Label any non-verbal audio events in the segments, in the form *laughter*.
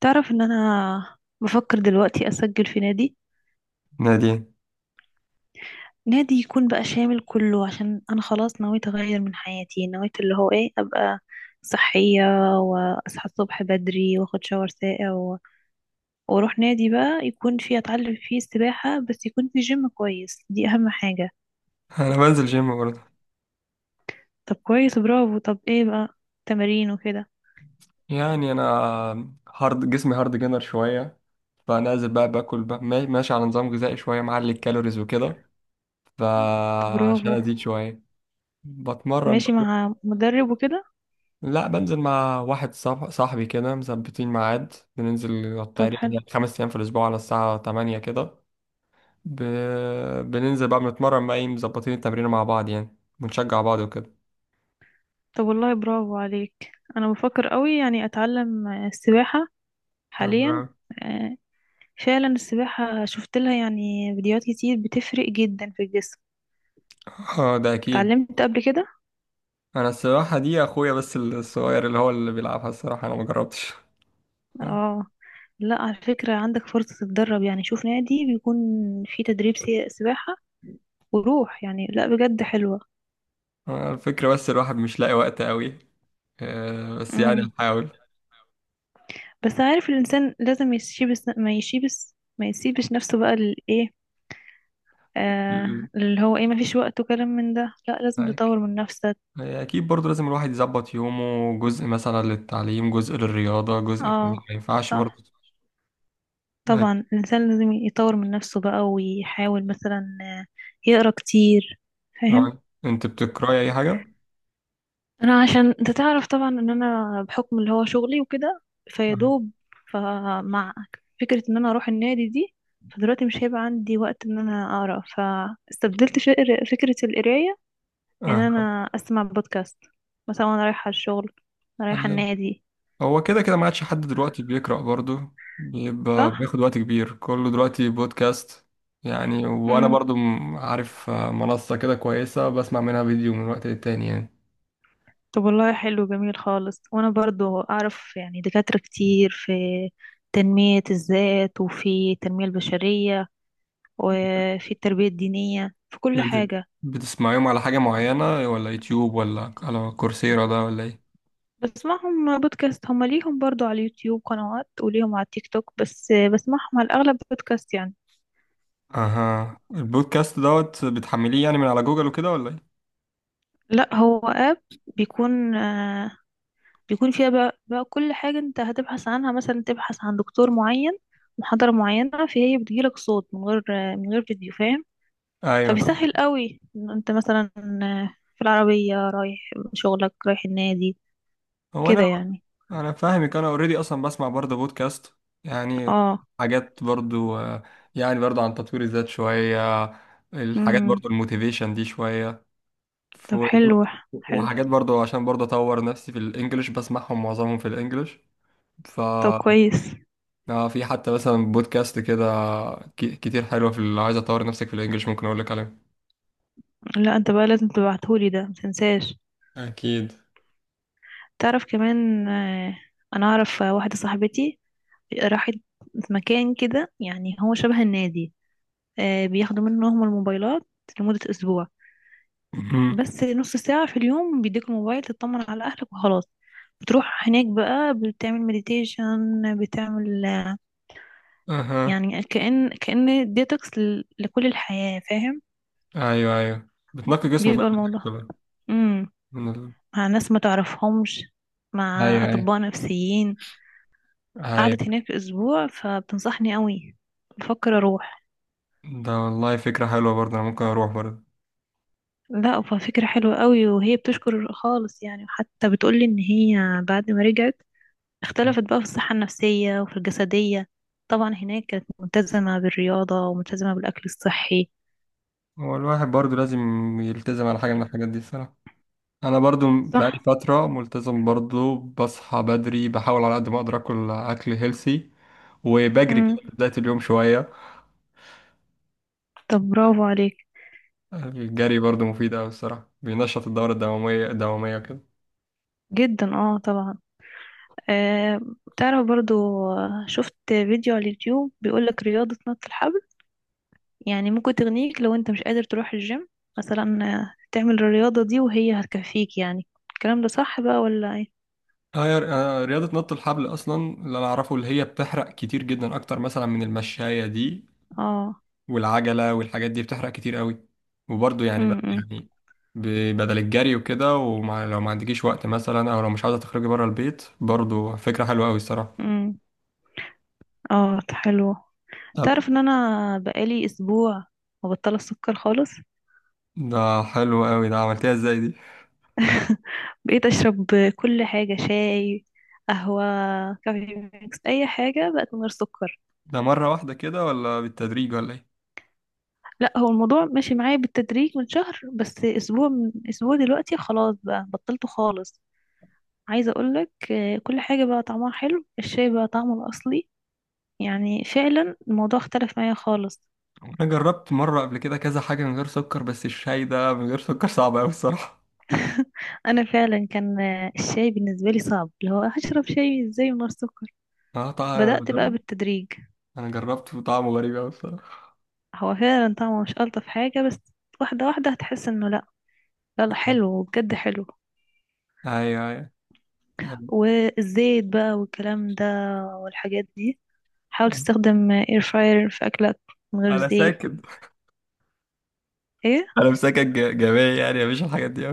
تعرف ان انا بفكر دلوقتي اسجل في نادي. نادي. نادي يكون بقى شامل كله، عشان انا خلاص نويت اغير من حياتي، نويت اللي هو ايه، ابقى صحية، واصحى الصبح بدري واخد شاور ساقع واروح نادي بقى يكون فيه، اتعلم فيه السباحة، بس يكون فيه جيم كويس، دي اهم حاجة. انا بنزل جيم برضه. طب كويس، برافو. طب ايه بقى؟ تمارين وكده؟ يعني انا جسمي هارد جينر شويه. فنازل بقى باكل بقى ماشي على نظام غذائي شويه معلي الكالوريز وكده. طب فعشان برافو. ازيد شويه بتمرن ماشي بقى. مع مدرب وكده؟ لا، بنزل مع واحد صاحبي كده، مثبتين ميعاد بننزل طب تقريبا حلو. يعني 5 ايام في الاسبوع على الساعه 8 كده. ب... بننزل بقى، بنتمرن بقى، ايه، مظبطين التمرين مع بعض يعني، بنشجع بعض وكده. طب والله برافو عليك. انا بفكر قوي يعني اتعلم السباحة حاليا. أها. آه، فعلا السباحة شفت لها يعني فيديوهات كتير، بتفرق جدا في الجسم. اه، ده اكيد. اتعلمت قبل كده؟ انا السباحه دي اخويا بس الصغير اللي هو اللي بيلعبها الصراحه، انا ما جربتش. اه، لا على فكرة عندك فرصة تتدرب، يعني شوف نادي بيكون فيه تدريب سباحة وروح، يعني لا بجد حلوة. الفكره بس الواحد مش لاقي وقت قوي. بس يعني امم هحاول. بس عارف الإنسان لازم يسيبس ما يسيبس ما يسيبش نفسه بقى للإيه. آه، ال- اللي هو إيه، ما فيش وقت وكلام من ده، لا لازم معاك. تطور من نفسك. اكيد برضه لازم الواحد يظبط يومه، جزء مثلا للتعليم، جزء للرياضه، جزء كده، اه، ما ينفعش صح. برضه. ما- طبعا الإنسان لازم يطور من نفسه بقى ويحاول مثلا يقرأ كتير. فاهم؟ انت بتقراي اي حاجه؟ أنا عشان أنت تعرف طبعا إن أنا بحكم اللي هو شغلي وكده فيدوب. فمع فكرة إن أنا أروح النادي دي، فدلوقتي مش هيبقى عندي وقت إن أنا أقرأ، فاستبدلت فكرة القراية، إن آه. أنا أسمع بودكاست مثلا وأنا رايحة الشغل وأنا رايحة آه. النادي. هو كده كده ما عادش حد دلوقتي بيقرأ برضه، بيبقى صح؟ بياخد وقت كبير، كله دلوقتي بودكاست يعني. وانا برضه عارف منصة كده كويسة بسمع منها فيديو من وقت للتاني يعني. طب والله حلو، جميل خالص. وانا برضو اعرف يعني دكاترة كتير في تنمية الذات، وفي التنمية البشرية، وفي التربية الدينية، في ده كل انت حاجة. بتسمعيهم على حاجة معينة ولا يوتيوب ولا على كورسيرا ده ولا ايه؟ بسمعهم بودكاست. هم ليهم برضو على اليوتيوب قنوات، وليهم على التيك توك، بس بسمعهم على الأغلب بودكاست يعني. اها، البودكاست دوت بتحمليه يعني من على جوجل وكده ولا ايه؟ لا هو آب، بيكون آه، بيكون فيها بقى كل حاجة انت هتبحث عنها، مثلا تبحث عن دكتور معين، محاضرة معينة، فهي بتجيلك صوت من غير فيديو. فاهم؟ ايوه فاهم. فبيسهل قوي إن انت مثلا في العربية رايح شغلك، رايح النادي، هو كده انا يعني. انا فاهمك، انا اوريدي اصلا بسمع برضه بودكاست يعني، اه. حاجات برضه، يعني برضه عن تطوير الذات شوية، الحاجات امم برضه الموتيفيشن دي شوية. ف- طب حلو. حلو. وحاجات برضه عشان برضه اطور نفسي في الانجليش، بسمعهم معظمهم في الانجليش. ف طب كويس. في حتى مثلا بودكاست كده كتير حلوة، في اللي عايز اطور نفسك في الانجليش، ممكن اقول لك عليها. لا انت بقى لازم تبعتهولي ده، متنساش. اكيد. تعرف كمان انا اعرف واحدة صاحبتي راحت مكان كده، يعني هو شبه النادي. آه، بياخدوا منهم الموبايلات لمدة اسبوع، مهم. بس نص ساعة في اليوم بيديك الموبايل تطمن على أهلك وخلاص. بتروح هناك بقى، بتعمل مديتيشن، بتعمل اها. يعني كأن ديتوكس لكل الحياة. فاهم؟ ايوه، ايوه، بتنقي جسمك بقى بيبقى من الحاجات دي الموضوع بقى. امم من ال... مع ناس ما تعرفهمش، مع ايوه، ايوه، أطباء نفسيين. قعدت ايوه. هناك أسبوع، فبتنصحني قوي. بفكر أروح. ده والله فكرة حلوة برضه، أنا ممكن أروح برضه. لا ففكرة حلوة قوي، وهي بتشكر خالص يعني، حتى بتقولي إن هي بعد ما رجعت اختلفت بقى في الصحة النفسية وفي الجسدية. طبعا هناك كانت ملتزمة بالرياضة وملتزمة بالأكل الصحي. هو الواحد برضه لازم يلتزم على حاجة من الحاجات دي الصراحة. أنا برضه بقالي صح. فترة ملتزم برضه، بصحى بدري، بحاول على قد ما أقدر آكل أكل هيلسي، وبجري مم. كده في بداية اليوم شوية. طب برافو عليك. الجري برضه مفيد أوي الصراحة، بينشط الدورة الدموية كده. جدا، اه طبعا. آه. تعرف برضو، آه، شفت فيديو على اليوتيوب بيقولك رياضة نط الحبل يعني ممكن تغنيك لو انت مش قادر تروح الجيم، مثلا تعمل الرياضة دي وهي هتكفيك يعني. الكلام ده صح بقى ولا ايه؟ آه، يا- رياضة نط الحبل أصلا اللي أنا أعرفه اللي هي بتحرق كتير جدا، أكتر مثلا من المشاية دي اه. والعجلة والحاجات دي، بتحرق كتير قوي. وبرضه يعني بقى، امم يعني، بدل الجري وكده، ولو ما عندكيش وقت مثلا او لو مش عاوزة تخرجي بره البيت، برضه فكرة حلوة قوي الصراحة. امم اه، حلو. طب. تعرف ان انا بقالي اسبوع مبطلة السكر خالص. ده حلو قوي، ده عملتيها ازاي دي؟ *laughs* بقيت اشرب كل حاجة، شاي، قهوة، كافي ميكس، اي حاجة بقت من غير سكر. ده مرة واحدة كده ولا بالتدريج ولا ايه؟ لا هو الموضوع ماشي معايا بالتدريج من شهر، بس اسبوع من اسبوع دلوقتي خلاص بقى بطلته خالص. عايزة اقولك كل حاجة بقى طعمها حلو، الشاي بقى طعمه الاصلي، يعني فعلا الموضوع اختلف معايا خالص. انا جربت مرة قبل كده كذا حاجة من غير سكر، بس الشاي ده من غير سكر صعب قوي الصراحة. انا فعلا كان الشاي بالنسبة لي صعب، اللي هو هشرب شاي ازاي من غير سكر. *laughs* اه طبعا، انا بدأت بقى جربت. بالتدريج. انا جربت وطعمه غريب قوي الصراحة. هو فعلا طعمه مش ألطف حاجة، بس واحدة واحدة هتحس انه لا، لا لا، حلو بجد، حلو. ايوه، ايوه. طيب. والزيت بقى والكلام ده والحاجات دي، حاول تستخدم اير فراير في أكلك من غير انا زيت. ساكت، ايه؟ انا مساكن جميع يعني، مفيش الحاجات دي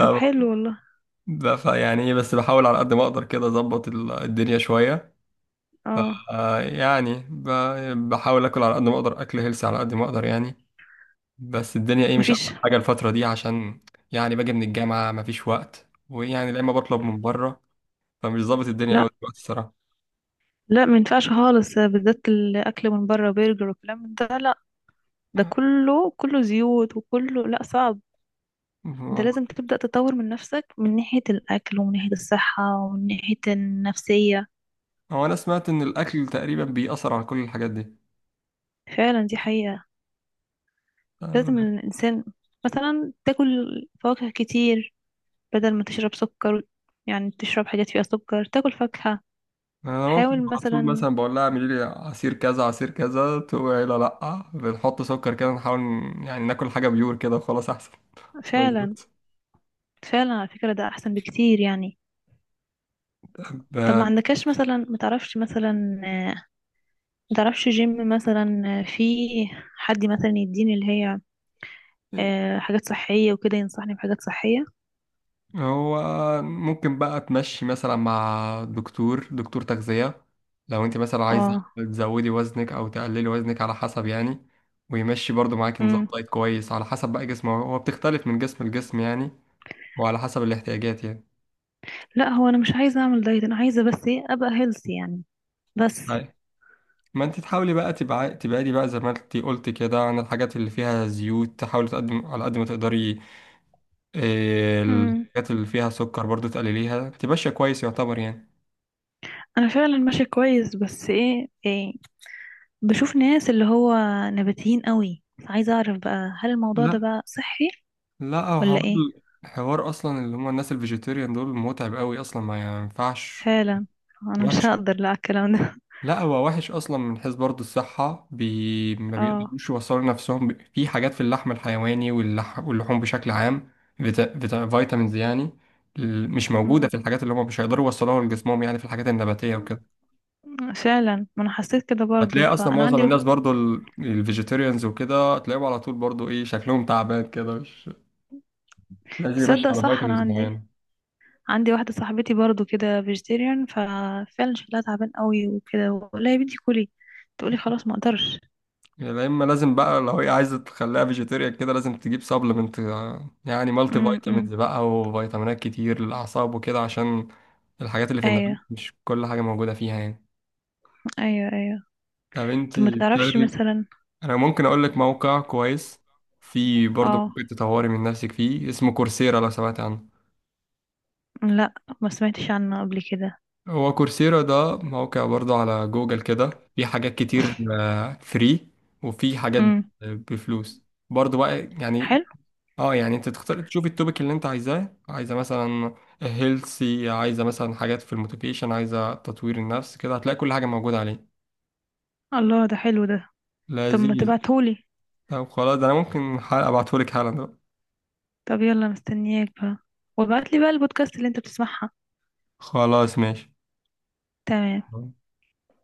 طب حلو والله. فيعني ايه، بس بحاول على قد ما اقدر كده اظبط الدنيا شوية. اه، يعني بحاول اكل على قد ما اقدر، اكل هيلثي على قد ما اقدر يعني. بس الدنيا ايه، مش احسن مفيش. حاجة الفترة دي، عشان يعني باجي من الجامعة مفيش وقت، ويعني لا، اما بطلب من بره، فمش ظابط الدنيا قوي لا، دلوقتي الصراحة. لا ما ينفعش خالص، بالذات الأكل من بره، برجر والكلام من ده لا. ده كله كله زيوت، وكله لا صعب. ده والله. لازم تبدأ تطور من نفسك، من ناحية الأكل، ومن ناحية الصحة، ومن ناحية النفسية. هو انا سمعت ان الاكل تقريبا بيأثر على كل الحاجات دي. فعلا دي حقيقة. لازم آه، الإنسان مثلا تاكل فواكه كتير بدل ما تشرب سكر، يعني تشرب حاجات فيها سكر، تاكل فاكهة. انا ممكن حاول على طول مثلا. مثلا بقول لها اعملي لي عصير كذا عصير كذا، تقول لا، لا بنحط سكر كده، نحاول يعني ناكل حاجة بيور كده وخلاص احسن. فعلا. مظبوط. فعلا على فكرة ده أحسن بكتير يعني. *laughs* طب ده. ما عندكش مثلا، ما تعرفش مثلا ما تعرفش جيم مثلا في حد مثلا يديني اللي هي حاجات صحية وكده، ينصحني بحاجات صحية. هو ممكن بقى تمشي مثلا مع دكتور تغذية لو انت مثلا عايزة اه. تزودي وزنك او تقللي وزنك على حسب يعني. ويمشي برضو معاكي نظام امم دايت كويس على حسب بقى جسمه، هو بتختلف من جسم لجسم يعني، وعلى حسب الاحتياجات يعني. لا هو انا مش عايزة اعمل دايت، انا عايزة بس ايه ابقى هيلثي يعني. بس. هاي. ما انت تحاولي بقى تبعدي بقى زي ما انت قلت كده عن الحاجات اللي فيها زيوت، تحاولي تقدم على قد ما تقدري. اه، امم الحاجات اللي فيها سكر برضو تقلليها، تبقى ماشية كويس يعتبر يعني. انا فعلا ماشية كويس، بس إيه بشوف ناس اللي هو نباتيين قوي، بس عايزة اعرف بقى هل الموضوع ده لا. بقى صحي لا هو ولا حوار. ايه؟ حوار اصلا اللي هم الناس الفيجيتيريان دول متعب قوي اصلا، ما ينفعش. فعلا. انا مش وحش. هقدر لا على الكلام ده. لا هو وحش اصلا من حيث برضه الصحه، ما *laughs* اه. بيقدروش يوصلوا نفسهم، في حاجات في اللحم الحيواني، واللحوم بشكل عام، فيتامينز يعني، مش موجوده أمم. في الحاجات، اللي هم مش هيقدروا يوصلوها لجسمهم يعني، في الحاجات النباتيه وكده. فعلا ما انا حسيت كده برضو، هتلاقي اصلا فانا معظم عندي الناس برضه الفيجيتيريانز وكده، هتلاقيهم على طول برضه ايه شكلهم تعبان كده، مش لازم يمشي تصدق على صح، انا فيتامينز عندي معينه. عندي واحدة صاحبتي برضو كده فيجيتيريان، ففعلا شكلها تعبان قوي وكده، ولا يا بنتي كلي، تقولي خلاص ما اقدرش. يا اما لازم بقى لو هي عايزه تخليها فيجيتيريان كده، لازم تجيب سبلمنت يعني، مالتي فيتامينز امم بقى، وفيتامينات كتير للاعصاب وكده، عشان الحاجات اللي في النبات ايوه، مش كل حاجه موجوده فيها يعني. ايوه ايوه. طب طب ما انتي تعرفش بتاخدي. مثلا؟ انا ممكن اقول لك موقع كويس، في برضه اه، ممكن تطوري من نفسك فيه، اسمه كورسيرا، لو سمعت عنه. لا ما سمعتش عنه قبل كده. هو كورسيرا ده موقع برضه على جوجل كده، في حاجات كتير فري، وفي حاجات امم بفلوس برضه بقى يعني. حلو. اه يعني انت تختار تشوف التوبيك اللي انت عايزاه، عايزه مثلا هيلثي، عايزه مثلا حاجات في الموتيفيشن، عايزه تطوير النفس كده، هتلاقي كل حاجه موجوده عليه. الله ده حلو ده. طب ما لذيذ. تبعتهولي. طب خلاص، ده انا ممكن حلقه ابعتهولك حالا ده. طب يلا مستنياك بقى، وابعتلي بقى البودكاست اللي انت بتسمعها. خلاص ماشي. تمام.